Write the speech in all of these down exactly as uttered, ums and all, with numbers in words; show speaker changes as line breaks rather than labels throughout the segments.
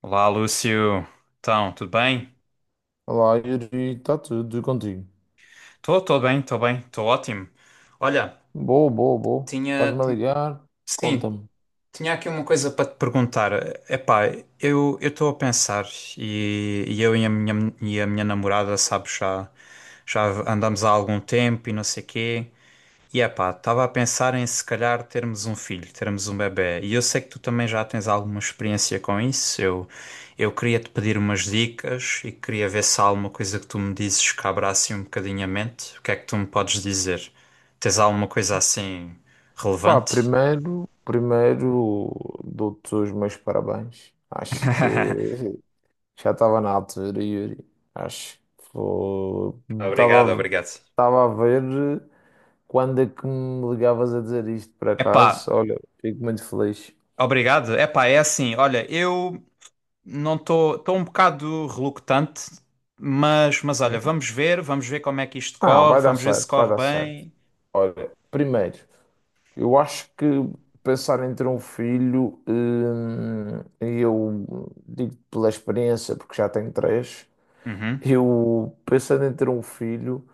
Olá, Lúcio. Então, tudo bem?
Olá, Yuri, está tudo e contigo?
Estou, estou bem, estou bem, estou ótimo. Olha,
Boa, boa, boa.
tinha,
Estás-me a
ti-
ligar?
sim,
Conta-me.
tinha aqui uma coisa para te perguntar. Epá, eu eu estou a pensar e, e eu e a minha e a minha namorada, sabes, já já andamos há algum tempo e não sei quê. E é pá, estava a pensar em se calhar termos um filho, termos um bebé. E eu sei que tu também já tens alguma experiência com isso. Eu, eu queria te pedir umas dicas e queria ver se há alguma coisa que tu me dizes que abra assim um bocadinho a mente. O que é que tu me podes dizer? Tens alguma coisa assim
Pá,
relevante?
primeiro, primeiro dou-te os meus parabéns. Acho que já estava na altura, Yuri. Acho que foi-
Obrigado,
estava
obrigado.
estava a ver quando é que me ligavas a dizer isto por
Epá,
acaso. Olha, fico muito feliz.
obrigado. Epá, é assim, olha, eu não estou, estou um bocado relutante, mas, mas olha,
Sim.
vamos ver, vamos ver como é que isto
Ah,
corre,
vai dar
vamos ver se
certo, vai
corre
dar certo.
bem.
Olha, primeiro, eu acho que pensar em ter um filho, hum, eu digo pela experiência, porque já tenho três,
Uhum,
eu pensando em ter um filho,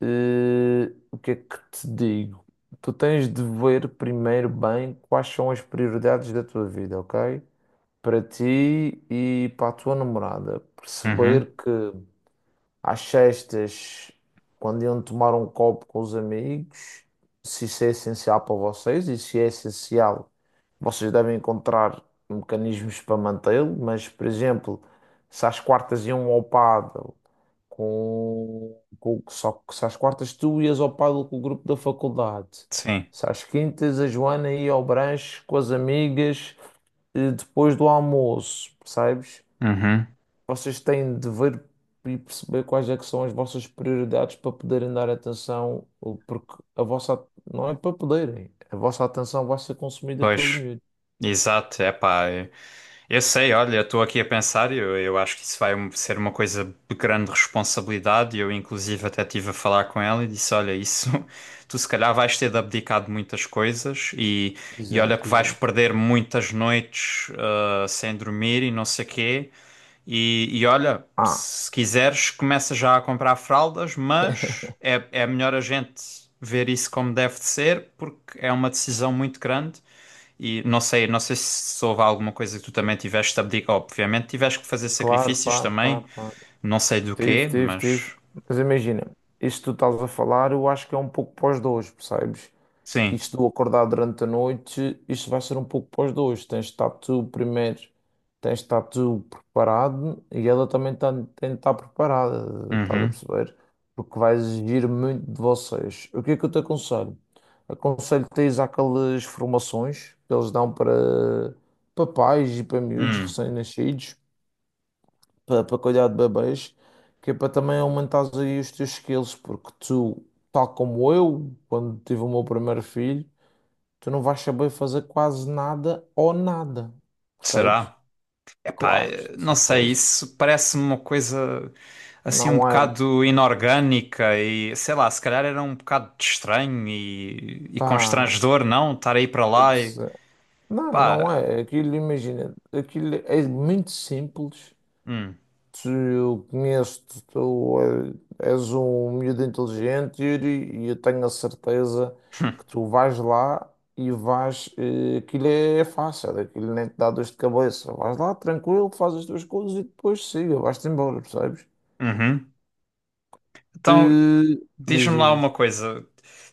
eh, o que é que te digo? Tu tens de ver primeiro bem quais são as prioridades da tua vida, ok? Para ti e para a tua namorada.
uhum,
Perceber que às sextas, quando iam tomar um copo com os amigos, se isso é essencial para vocês e se é essencial, vocês devem encontrar mecanismos para mantê-lo, mas, por exemplo, se às quartas iam ao pádel com, com- só que se às quartas tu ias ao pádel com o grupo da faculdade,
sim,
se às quintas a Joana ia ao branche com as amigas eh, depois do almoço, percebes?
uhum,
Vocês têm de ver e perceber quais é que são as vossas prioridades para poderem dar atenção, ou porque a vossa não é para poderem, a vossa atenção vai ser consumida pelos
pois,
miúdos.
exato, é pá, eu eu sei, olha, estou aqui a pensar, eu, eu acho que isso vai um, ser uma coisa de grande responsabilidade, eu inclusive até estive a falar com ela e disse, olha, isso, tu se calhar vais ter de abdicar de muitas coisas e, e olha que
Exato,
vais
exato.
perder muitas noites ah, sem dormir e não sei quê. E, e olha,
Ah,
se quiseres, começa já a comprar fraldas, mas é, é melhor a gente ver isso como deve de ser, porque é uma decisão muito grande. E não sei, não sei se houve alguma coisa que tu também tiveste de abdicar. Obviamente, tiveste que fazer
claro,
sacrifícios
claro,
também,
claro, claro.
não sei do
Tive,
quê,
tive,
mas
tive. Mas imagina, isto que tu estás a falar, eu acho que é um pouco pós dois, percebes?
sim.
Isto do acordar durante a noite, isto vai ser um pouco para os dois. Tens de estar tu primeiro, tens de estar tu preparado e ela também tá- tem de estar preparada, estás a
Uhum.
perceber? Porque vai exigir muito de vocês. O que é que eu te aconselho? Aconselho-te a ir àquelas formações que eles dão para, para pais e para miúdos
Hum.
recém-nascidos, para, para cuidar de bebês, que é para também aumentares aí os teus skills, porque tu, tal como eu, quando tive o meu primeiro filho, tu não vais saber fazer quase nada ou nada, percebes?
Será? Epá,
Claro, de
não sei,
certeza.
isso parece-me uma coisa assim um
Não é,
bocado inorgânica e sei lá, se calhar era um bocado de estranho e, e
pá,
constrangedor, não? Estar aí para
eu
lá e
percebo. Não, não
pá,
é. Aquilo, imagina, aquilo é muito simples.
hum,
Tu, eu conheço-te, tu eh, és um miúdo inteligente, Yuri, e eu tenho a certeza que tu vais lá e vais. eh, Aquilo é é fácil, aquilo nem te dá dor de cabeça. Vais lá, tranquilo, fazes as tuas coisas e depois siga, vais-te embora, percebes?
uhum. Então
Eh, diz,
diz-me
diz,
lá uma
diz.
coisa.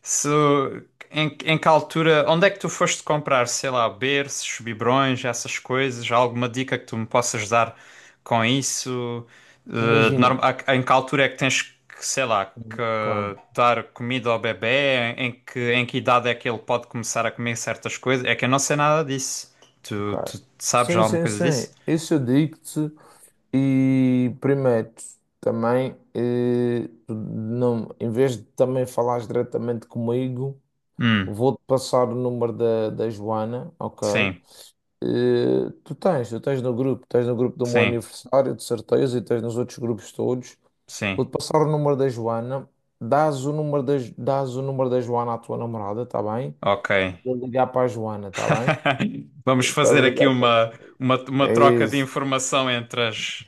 Se, em, em que altura, onde é que tu foste comprar, sei lá, berços, biberões, essas coisas? Há alguma dica que tu me possas dar com isso? Eh, de
Imagina.
norma- a- em que altura é que tens que, sei lá, que
Claro,
dar comida ao bebé? Em, em que, em que idade é que ele pode começar a comer certas coisas? É que eu não sei nada disso. Tu,
claro.
tu sabes
Sim,
alguma
sim,
coisa
sim.
disso?
Isso eu digo-te. E prometo também, eh, tu não, em vez de também falares diretamente comigo,
Hum,
vou-te passar o número da, da Joana, ok?
sim,
Eh, tu tens, tu tens no grupo, tens no grupo do meu
sim,
aniversário, de certeza, e tens nos outros grupos todos.
sim.
Vou-te passar o número da Joana. Dás o número da, dás o número da Joana à tua namorada, tá bem?
Ok.
Vou ligar para a Joana, está bem?
Vamos
Para
fazer aqui
ligar para.
uma, uma, uma
É
troca de
isso,
informação entre as,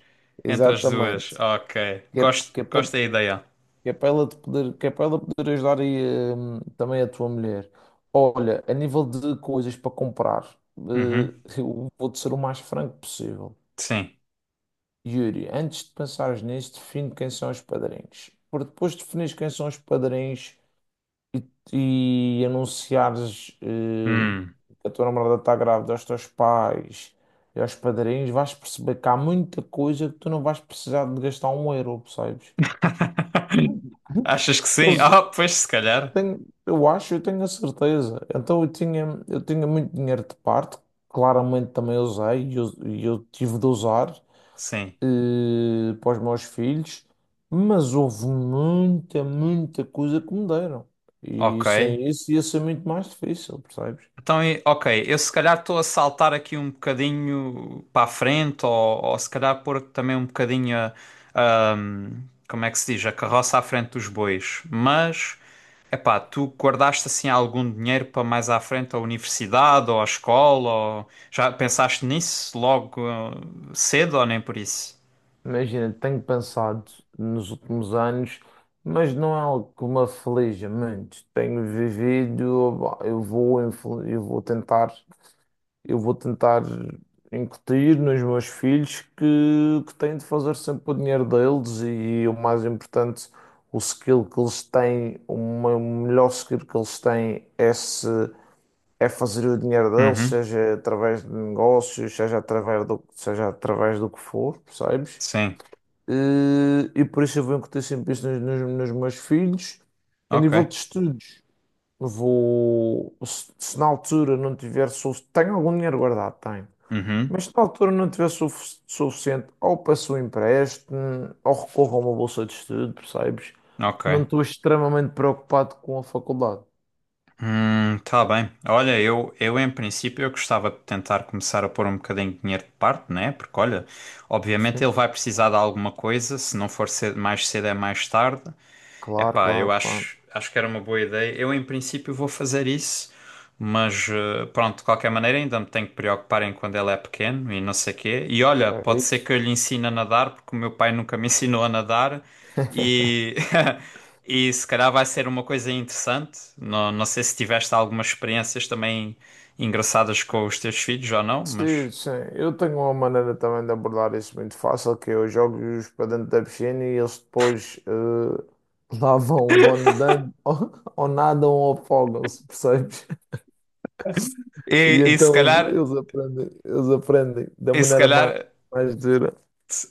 entre as duas.
exatamente.
Ok.
Que é,
Gosto,
que é
gosto
para,
da ideia.
que é para ela te poder, que é para ela poder ajudar aí, hum, também a tua mulher. Olha, a nível de coisas para comprar, eh,
Uhum.
eu vou-te ser o mais franco possível.
Sim.
Yuri, antes de pensares nisso, define quem são os padrinhos. Porque depois de definires quem são os padrinhos, e, e anunciares eh,
Hum.
que a tua namorada está grávida aos teus pais e aos padrinhos, vais perceber que há muita coisa que tu não vais precisar de gastar um euro, percebes?
Achas que
Que
sim?
eles
Ah, pois se calhar.
têm, eu acho, eu tenho a certeza. Então eu tinha, eu tinha muito dinheiro de parte, claramente também usei e eu, e eu tive de usar
Sim.
eh, para os meus filhos, mas houve muita, muita coisa que me deram. E
Ok.
sem isso ia ser muito mais difícil, percebes?
Então, e- ok, eu se calhar estou a saltar aqui um bocadinho para a frente, ou, ou se calhar pôr também um bocadinho a, a- hum, como é que se diz, a carroça à frente dos bois. Mas, epá, tu guardaste assim algum dinheiro para mais à frente à universidade ou à escola? Ou. Já pensaste nisso logo eh, cedo ou nem por isso?
Imagina, tenho pensado nos últimos anos, mas não é algo que me aflige muito. Tenho vivido, bah, eu vou, influ- eu vou tentar. Eu vou tentar incutir nos meus filhos que, que têm de fazer sempre o dinheiro deles e o mais importante, o skill que eles têm, uma- o melhor skill que eles têm é, se, é fazer o dinheiro deles,
Uhum,
seja através de negócios, seja através do, seja através do que for, percebes?
sim,
E, e por isso eu vou incutir sempre isso nos, nos, nos meus filhos. A nível de
ok.
estudos, vou, se, se na altura não tiver, solu- tenho algum dinheiro guardado, tenho.
Uhum,
Mas na altura não tivesse suf- suficiente, ou peço um empréstimo, ou recorro a uma bolsa de estudo, percebes?
ok.
Não estou extremamente preocupado com a faculdade.
Hum, tá bem. Olha, eu, eu em princípio eu gostava de tentar começar a pôr um bocadinho de dinheiro de parte, né? Porque olha, obviamente
Sim.
ele vai precisar de alguma coisa, se não for cedo, mais cedo é mais tarde.
Claro,
Epá, eu
claro, claro.
acho, acho que era uma boa ideia. Eu, em princípio, vou fazer isso, mas eh, pronto, de qualquer maneira, ainda me tenho que preocupar em quando ele é pequeno e não sei quê. E olha,
É
pode ser
isso.
que eu lhe ensine a nadar, porque o meu pai nunca me ensinou a nadar e, e se calhar vai ser uma coisa interessante. Não, não sei se tiveste algumas experiências também engraçadas com os teus filhos ou não, mas.
Sim, sim. Eu tenho uma maneira também de abordar isso muito fácil, que eu jogo-os para dentro da piscina e eles depois eh, lá vão, vão nadando, ou, ou nadam ou afogam-se, percebes?
E,
E
e se
então eles,
calhar,
eles aprendem, eles aprendem da
e se
maneira mais,
calhar.
mais dura.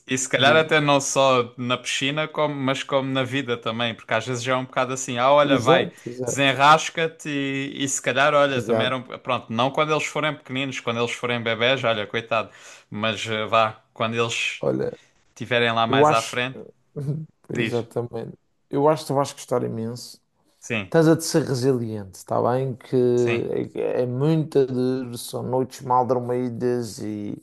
E se calhar até não só na piscina, como, mas como na vida também, porque às vezes já é um bocado assim, ah, olha, vai,
Exato, exato,
desenrasca-te e, e se calhar, olha, também
exato.
eram, pronto, não quando eles forem pequeninos, quando eles forem bebés, olha, coitado, mas eh, vá, quando eles
Olha,
estiverem lá
eu
mais à
acho.
frente,
Pois,
diz,
exatamente. Eu acho que tu vais gostar imenso.
sim,
Estás a de ser resiliente, está bem? Que
sim,
é, é muita dor, são noites mal dormidas e.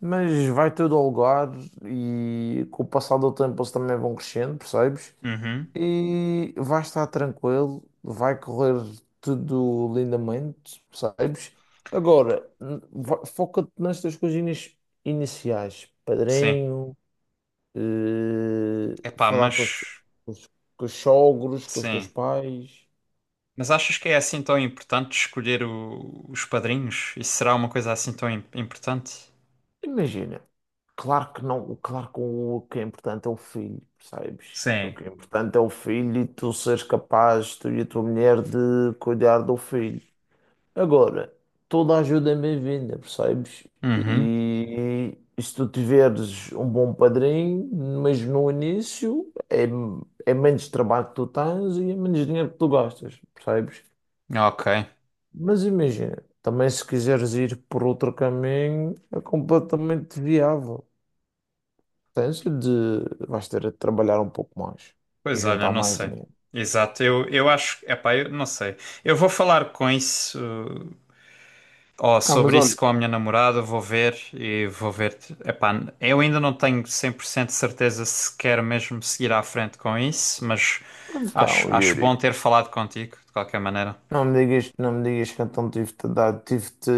Mas vai tudo ao lugar e com o passar do tempo eles também vão crescendo, percebes?
uhum,
E vai estar tranquilo, vai correr tudo lindamente, percebes? Agora, n- va- foca-te nestas coisinhas iniciais,
sim,
padrinho, eh,
epá,
falar com os, te-
mas,
com os, com os sogros, com os teus
sim.
pais.
Mas achas que é assim tão importante escolher o- os padrinhos? Isso será uma coisa assim tão im- importante?
Imagina, claro que não, claro que o, o que é importante é o filho, percebes? O
Sim.
que é importante é o filho e tu seres capaz, tu e a tua mulher, de cuidar do filho. Agora, toda a ajuda é bem-vinda, percebes?
Uhum.
E, e se tu tiveres um bom padrinho, mas no início é, é menos trabalho que tu tens e é menos dinheiro que tu gastas, percebes?
Ok.
Mas imagina, também se quiseres ir por outro caminho, é completamente viável. Tens de, vais ter de trabalhar um pouco mais e
Pois olha,
juntar
não
mais
sei.
dinheiro.
Exato, eu, eu acho, epá, eu não sei. Eu vou falar com isso, ó,
Ah, mas
sobre isso
olha,
com a minha namorada, vou ver e vou ver. Epá, eu ainda não tenho cem por cento de certeza se quero mesmo seguir à frente com isso, mas
então,
acho, acho
Yuri.
bom ter falado contigo, de qualquer maneira.
Não me digas, não me digas que então tive-te a dar, tive-te,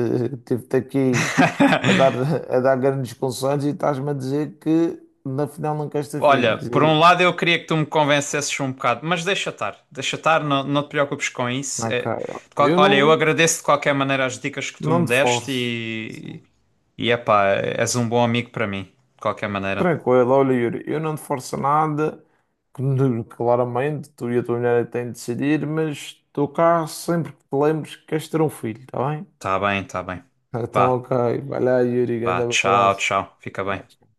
tive-te aqui a dar, a dar grandes conselhos e estás-me a dizer que na final não queres ter
Olha,
filhos.
por um
E,
lado eu queria que tu me convencesses um bocado, mas deixa estar, deixa estar, não, não te preocupes com isso.
ok,
É, de
ok.
qual-
eu
olha, eu
não,
agradeço de qualquer maneira as dicas que tu
não
me
te
deste
forço. Sim.
e, e epá, és um bom amigo para mim, de qualquer maneira.
Tranquilo, olha, Yuri, eu não te forço nada. Claro, claramente, tu e a tua mulher é que têm de decidir, mas estou cá sempre que te lembres que queres ter um filho, está bem?
Tá bem, tá bem.
Então,
Vá,
ok, vai lá, Yuri,
vá,
grande
tchau,
abraço.
tchau, fica bem.
Tchau.